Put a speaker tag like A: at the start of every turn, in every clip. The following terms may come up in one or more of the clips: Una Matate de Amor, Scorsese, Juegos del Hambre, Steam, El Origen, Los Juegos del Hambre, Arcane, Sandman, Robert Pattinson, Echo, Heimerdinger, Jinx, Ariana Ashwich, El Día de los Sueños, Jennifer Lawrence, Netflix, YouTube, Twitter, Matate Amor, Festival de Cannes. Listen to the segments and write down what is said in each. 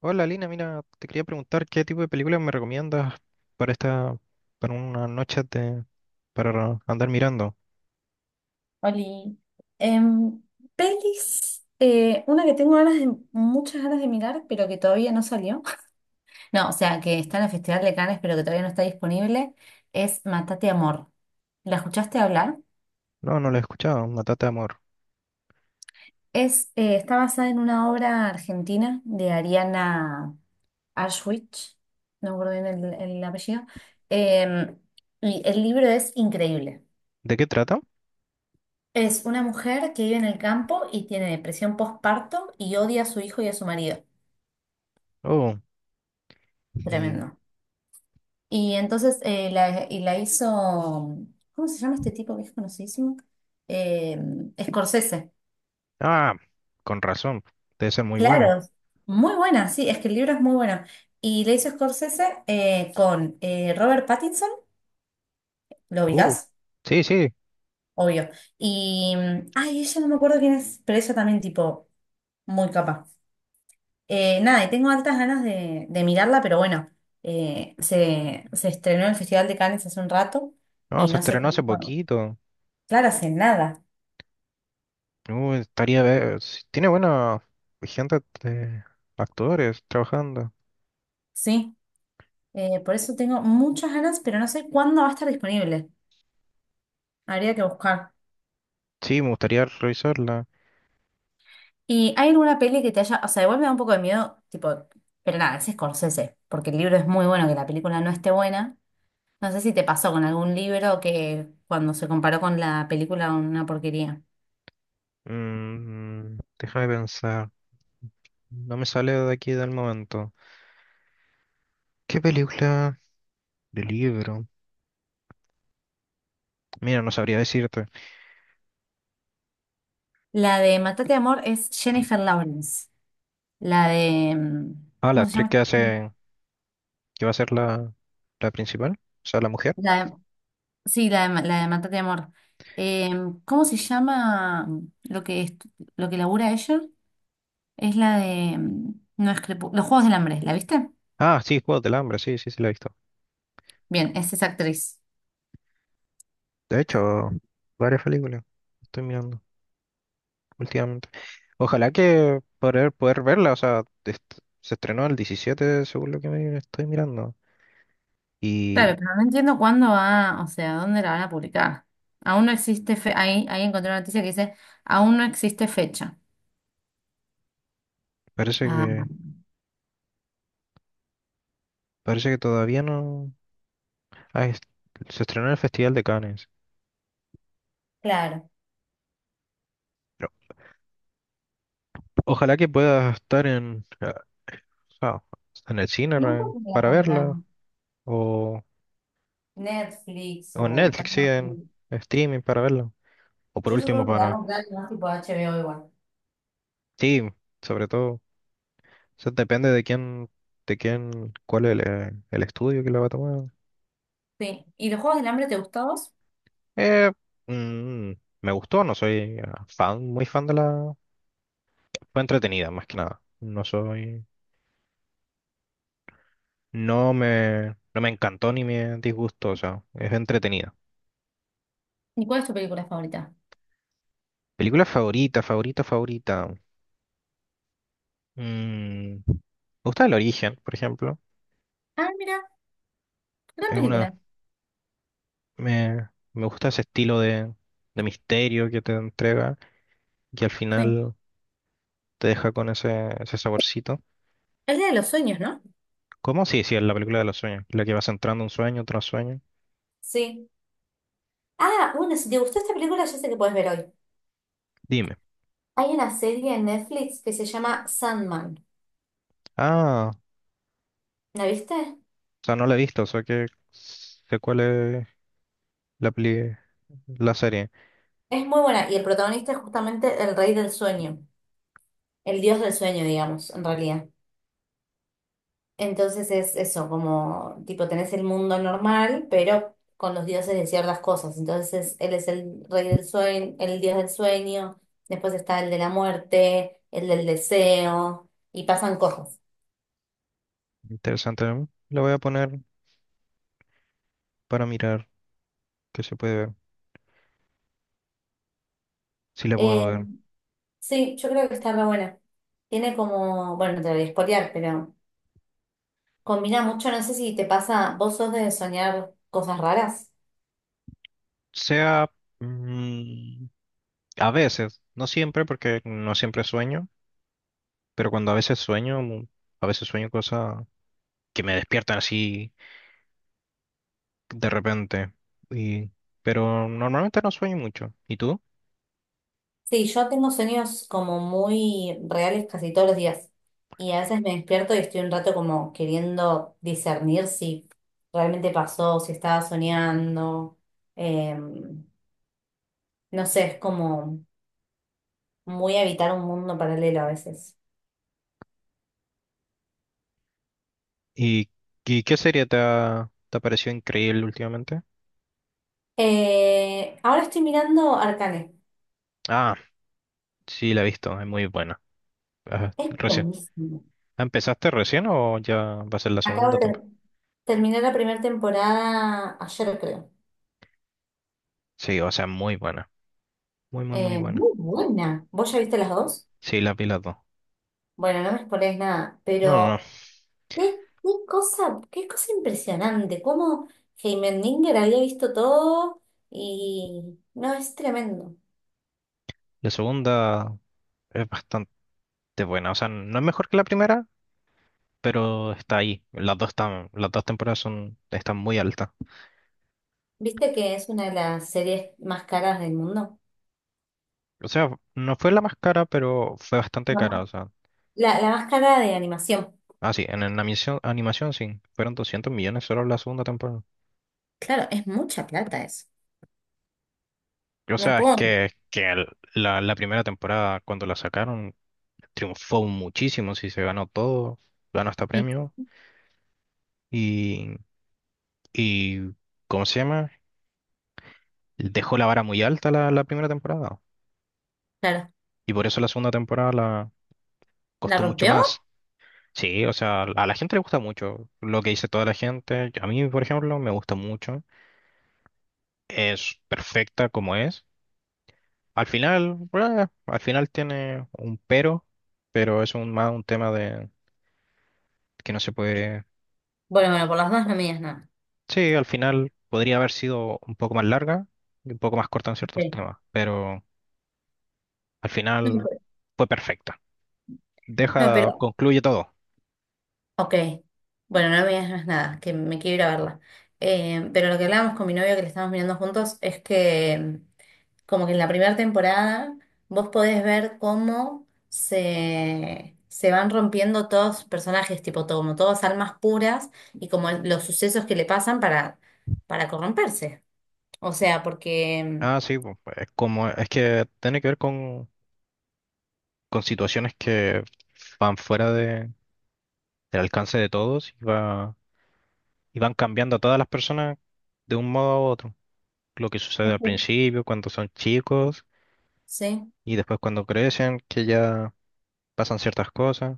A: Hola Lina, mira, te quería preguntar qué tipo de películas me recomiendas para esta, para una noche de, para andar mirando.
B: Oli, em, pelis, una que tengo ganas de, muchas ganas de mirar, pero que todavía no salió. No, o sea, que está en el Festival de Cannes, pero que todavía no está disponible, es Matate Amor. ¿La escuchaste hablar?
A: No, no la he escuchado, Una Matate de Amor.
B: Es, está basada en una obra argentina de Ariana Ashwich, no me acuerdo bien el apellido, em, y el libro es increíble.
A: ¿De qué trata?
B: Es una mujer que vive en el campo y tiene depresión postparto y odia a su hijo y a su marido.
A: Oh, y,
B: Tremendo. Y entonces y la hizo, ¿cómo se llama este tipo que es conocidísimo? Eh, Scorsese.
A: ah, con razón, debe ser muy buena.
B: Claro, muy buena, sí, es que el libro es muy bueno. Y la hizo Scorsese con Robert Pattinson, ¿lo
A: Uh,
B: ubicás?
A: sí, sí,
B: Obvio. Ella no me acuerdo quién es, pero ella también tipo muy capaz, nada, y tengo altas ganas de mirarla, pero bueno, se estrenó en el Festival de Cannes hace un rato
A: no,
B: y
A: se
B: no sé
A: estrenó hace
B: cuándo.
A: poquito.
B: Claro, hace nada,
A: Estaría, ver, si tiene buena gente de actores trabajando.
B: sí. Por eso tengo muchas ganas, pero no sé cuándo va a estar disponible. Habría que buscar.
A: Sí, me gustaría revisarla.
B: ¿Y hay alguna peli que te haya, o sea, igual me da un poco de miedo, tipo, pero nada, es Scorsese, porque el libro es muy bueno, que la película no esté buena? No sé si te pasó con algún libro que cuando se comparó con la película una porquería.
A: Mm, déjame pensar, no me sale de aquí del momento. ¿Qué película de libro? Mira, no sabría decirte.
B: La de Matate Amor es Jennifer Lawrence. La de, mm,
A: Ah, la
B: ¿Cómo se
A: actriz
B: llama?
A: que hace, que va a ser la, la principal, o sea, la mujer.
B: La de- sí, la de Matate Amor. Eh, ¿Cómo se llama lo que, estu- lo que labura ella? Es la de... No es Los Juegos del Hambre, ¿la viste?
A: Ah, sí, Juegos del Hambre, sí, sí, sí, la he visto.
B: Bien, es esa actriz.
A: De hecho, varias películas estoy mirando últimamente. Ojalá que poder, poder verla, o sea, est- se estrenó el 17, según lo que me estoy mirando.
B: Claro,
A: Y
B: pero no entiendo cuándo va, o sea, dónde la van a publicar. Aún no existe fe... Ahí, encontré una noticia que dice, aún no existe fecha.
A: parece
B: Ah,
A: que, parece que todavía no... ah, es- se estrenó en el Festival de Cannes.
B: claro.
A: Pero ojalá que pueda estar en... O sea, está en el cine
B: ¿Y
A: re-
B: entonces la
A: para verla,
B: comprarán?
A: o,
B: Netflix
A: o en
B: o...
A: Netflix, sí, en
B: Prime.
A: streaming para verla. O por
B: Yo
A: último
B: supongo que la van a
A: para
B: comprar más tipo HBO igual.
A: Steam, sobre todo. O sea, depende de quién, cuál es el estudio que la va a tomar.
B: Sí. ¿Y los Juegos del Hambre te gustó a vos?
A: Eh, mm, me gustó, no soy fan, muy fan de la... Fue entretenida, más que nada. No soy... No me, no me encantó ni me disgustó, o sea, es entretenida.
B: ¿Y cuál es tu película favorita?
A: Película favorita, favorita, favorita. Mm, me gusta El Origen, por ejemplo.
B: Ah, mira, gran
A: Es una,
B: película.
A: me gusta ese estilo de misterio que te entrega y que al
B: Sí.
A: final te deja con ese, ese saborcito.
B: El Día de los Sueños, ¿no?
A: ¿Cómo? Sí, sí, es la película de los sueños, la que vas entrando un sueño tras sueño.
B: Sí. Ah, bueno, si te gustó esta película, ya sé que puedes ver hoy.
A: Dime.
B: Hay una serie en Netflix que se llama Sandman.
A: Ah,
B: ¿La viste?
A: o sea, no la he visto, o sea que sé cuál es la peli, la serie.
B: Es muy buena y el protagonista es justamente el rey del sueño, el dios del sueño, digamos, en realidad. Entonces es eso, como tipo tenés el mundo normal, pero con los dioses de ciertas cosas. Entonces él es el rey del sueño, el dios del sueño, después está el de la muerte, el del deseo y pasan cosas.
A: Interesante. ¿No? La voy a poner para mirar que se puede ver, si la puedo
B: Eh,
A: ver.
B: sí, yo creo que está re buena. Tiene como, bueno, no te lo voy a spoilear, pero combina mucho, no sé si te pasa, vos sos de soñar cosas raras.
A: Sea mm, a veces, no siempre, porque no siempre sueño. Pero cuando a veces sueño cosas que me despiertan así de repente. Y, pero normalmente no sueño mucho. ¿Y tú?
B: Sí, yo tengo sueños como muy reales casi todos los días. Y a veces me despierto y estoy un rato como queriendo discernir si realmente pasó, si estaba soñando. Em, no sé, es como muy habitar un mundo paralelo a veces.
A: ¿Y, y qué serie te ha parecido increíble últimamente?
B: Ahora estoy mirando Arcane.
A: Ah, sí, la he visto, es muy buena. Ajá,
B: Es
A: recién.
B: buenísimo.
A: ¿Empezaste recién o ya va a ser la
B: Acabo
A: segunda
B: de ter-
A: temporada?
B: Terminar la primera temporada ayer, creo.
A: Sí, o sea, muy buena. Muy, muy, muy buena.
B: Muy buena. ¿Vos ya viste las dos?
A: Sí, la vi las dos.
B: Bueno, no me spoilees nada,
A: No, no, no.
B: pero qué, qué cosa impresionante. Cómo Heimerdinger había visto todo y no, es tremendo.
A: La segunda es bastante buena. O sea, no es mejor que la primera, pero está ahí. Las dos están, las dos temporadas son, están muy altas.
B: ¿Viste que es una de las series más caras del mundo?
A: O sea, no fue la más cara, pero fue bastante
B: La,
A: cara. O
B: más-
A: sea,
B: la más cara de animación.
A: ah, sí, en animación, animación sí, fueron 200 millones solo la segunda temporada.
B: Claro, es mucha plata eso.
A: O
B: No
A: sea, es
B: puedo.
A: que el- la primera temporada, cuando la sacaron, triunfó muchísimo, sí, se ganó todo, ganó hasta
B: Y,
A: premio. Y, y ¿cómo se llama? Dejó la vara muy alta la, la primera temporada.
B: claro,
A: Y por eso la segunda temporada la
B: ¿la
A: costó mucho
B: rompió?
A: más. Sí, o sea, a la gente le gusta mucho lo que dice toda la gente. A mí, por ejemplo, me gusta mucho. Es perfecta como es. Al final tiene un pero es un, más un tema de que no se puede.
B: Bueno, bueno, por las dos no me digas nada.
A: Sí, al final podría haber sido un poco más larga y un poco más corta en ciertos
B: Ok.
A: temas, pero al
B: No,
A: final
B: pero-
A: fue perfecta.
B: no,
A: Deja,
B: pero
A: concluye todo.
B: ok, bueno, no me digas más nada, que me quiero ir a verla. Pero lo que hablábamos con mi novio que le estamos mirando juntos es que, como que en la primera temporada vos podés ver cómo se van rompiendo todos los personajes, tipo todo, como todas almas puras y como los sucesos que le pasan para corromperse. O sea, porque
A: Ah, sí, pues, es como es que tiene que ver con situaciones que van fuera del alcance de todos y va, y van cambiando a todas las personas de un modo a otro. Lo que sucede al
B: este,
A: principio, cuando son chicos
B: sí,
A: y después cuando crecen, que ya pasan ciertas cosas.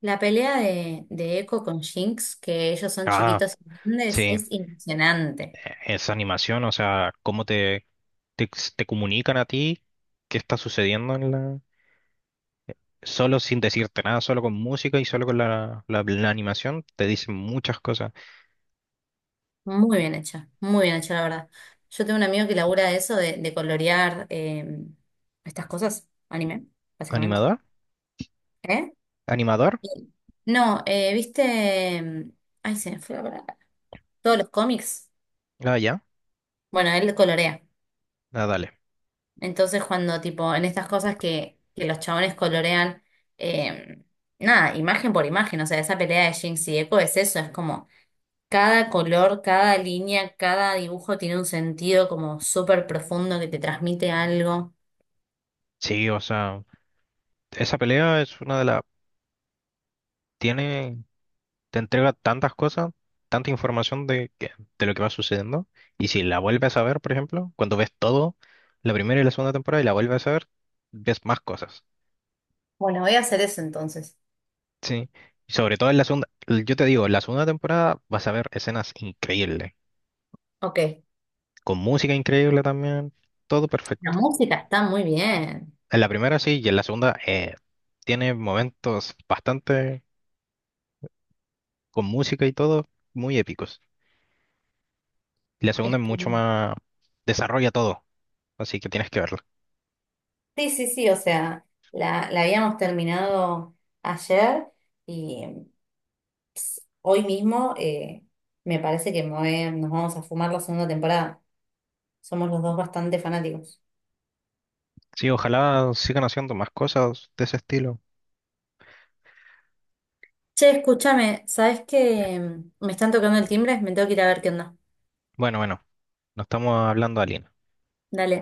B: la pelea de Echo con Jinx, que ellos son
A: Ah,
B: chiquitos y grandes,
A: sí,
B: es impresionante.
A: e- esa animación, o sea, cómo te, te, te comunican a ti qué está sucediendo en la... Solo sin decirte nada, solo con música y solo con la, la, la animación, te dicen muchas cosas.
B: Muy bien hecha, la verdad. Yo tengo un amigo que labura de eso, de colorear, estas cosas, anime, básicamente.
A: ¿Animador?
B: ¿Eh?
A: ¿Animador?
B: Y- No, ¿viste? Ay, se me fue la palabra. Todos los cómics.
A: Ah, ya.
B: Bueno, él colorea.
A: Ah, dale.
B: Entonces, cuando, tipo, en estas cosas que los chabones colorean, eh, nada, imagen por imagen, o sea, esa pelea de Jinx y Echo es eso, es como cada color, cada línea, cada dibujo tiene un sentido como súper profundo que te transmite algo.
A: Sí, o sea, esa pelea es una de las tiene, te entrega tantas cosas, tanta información de, que- de lo que va sucediendo. Y si la vuelves a ver, por ejemplo, cuando ves todo, la primera y la segunda temporada, y la vuelves a ver, ves más cosas.
B: Bueno, voy a hacer eso entonces.
A: Sí. Y sobre todo en la segunda, yo te digo, en la segunda temporada vas a ver escenas increíbles,
B: Ok,
A: con música increíble también, todo
B: la
A: perfecto.
B: música está muy bien.
A: En la primera sí, y en la segunda tiene momentos bastante con música y todo, muy épicos. Y la segunda
B: Es
A: es
B: que,
A: mucho más, desarrolla todo, así que tienes que verlo.
B: sí, sí, sí, o sea, la habíamos terminado ayer y hoy mismo, me parece que nos vamos a fumar la segunda temporada. Somos los dos bastante fanáticos.
A: Sí, ojalá sigan haciendo más cosas de ese estilo.
B: Che, escúchame, ¿sabes que Me están tocando el timbre, me tengo que ir a ver qué onda.
A: Bueno, bueno, no estamos hablando de Alien.
B: Dale.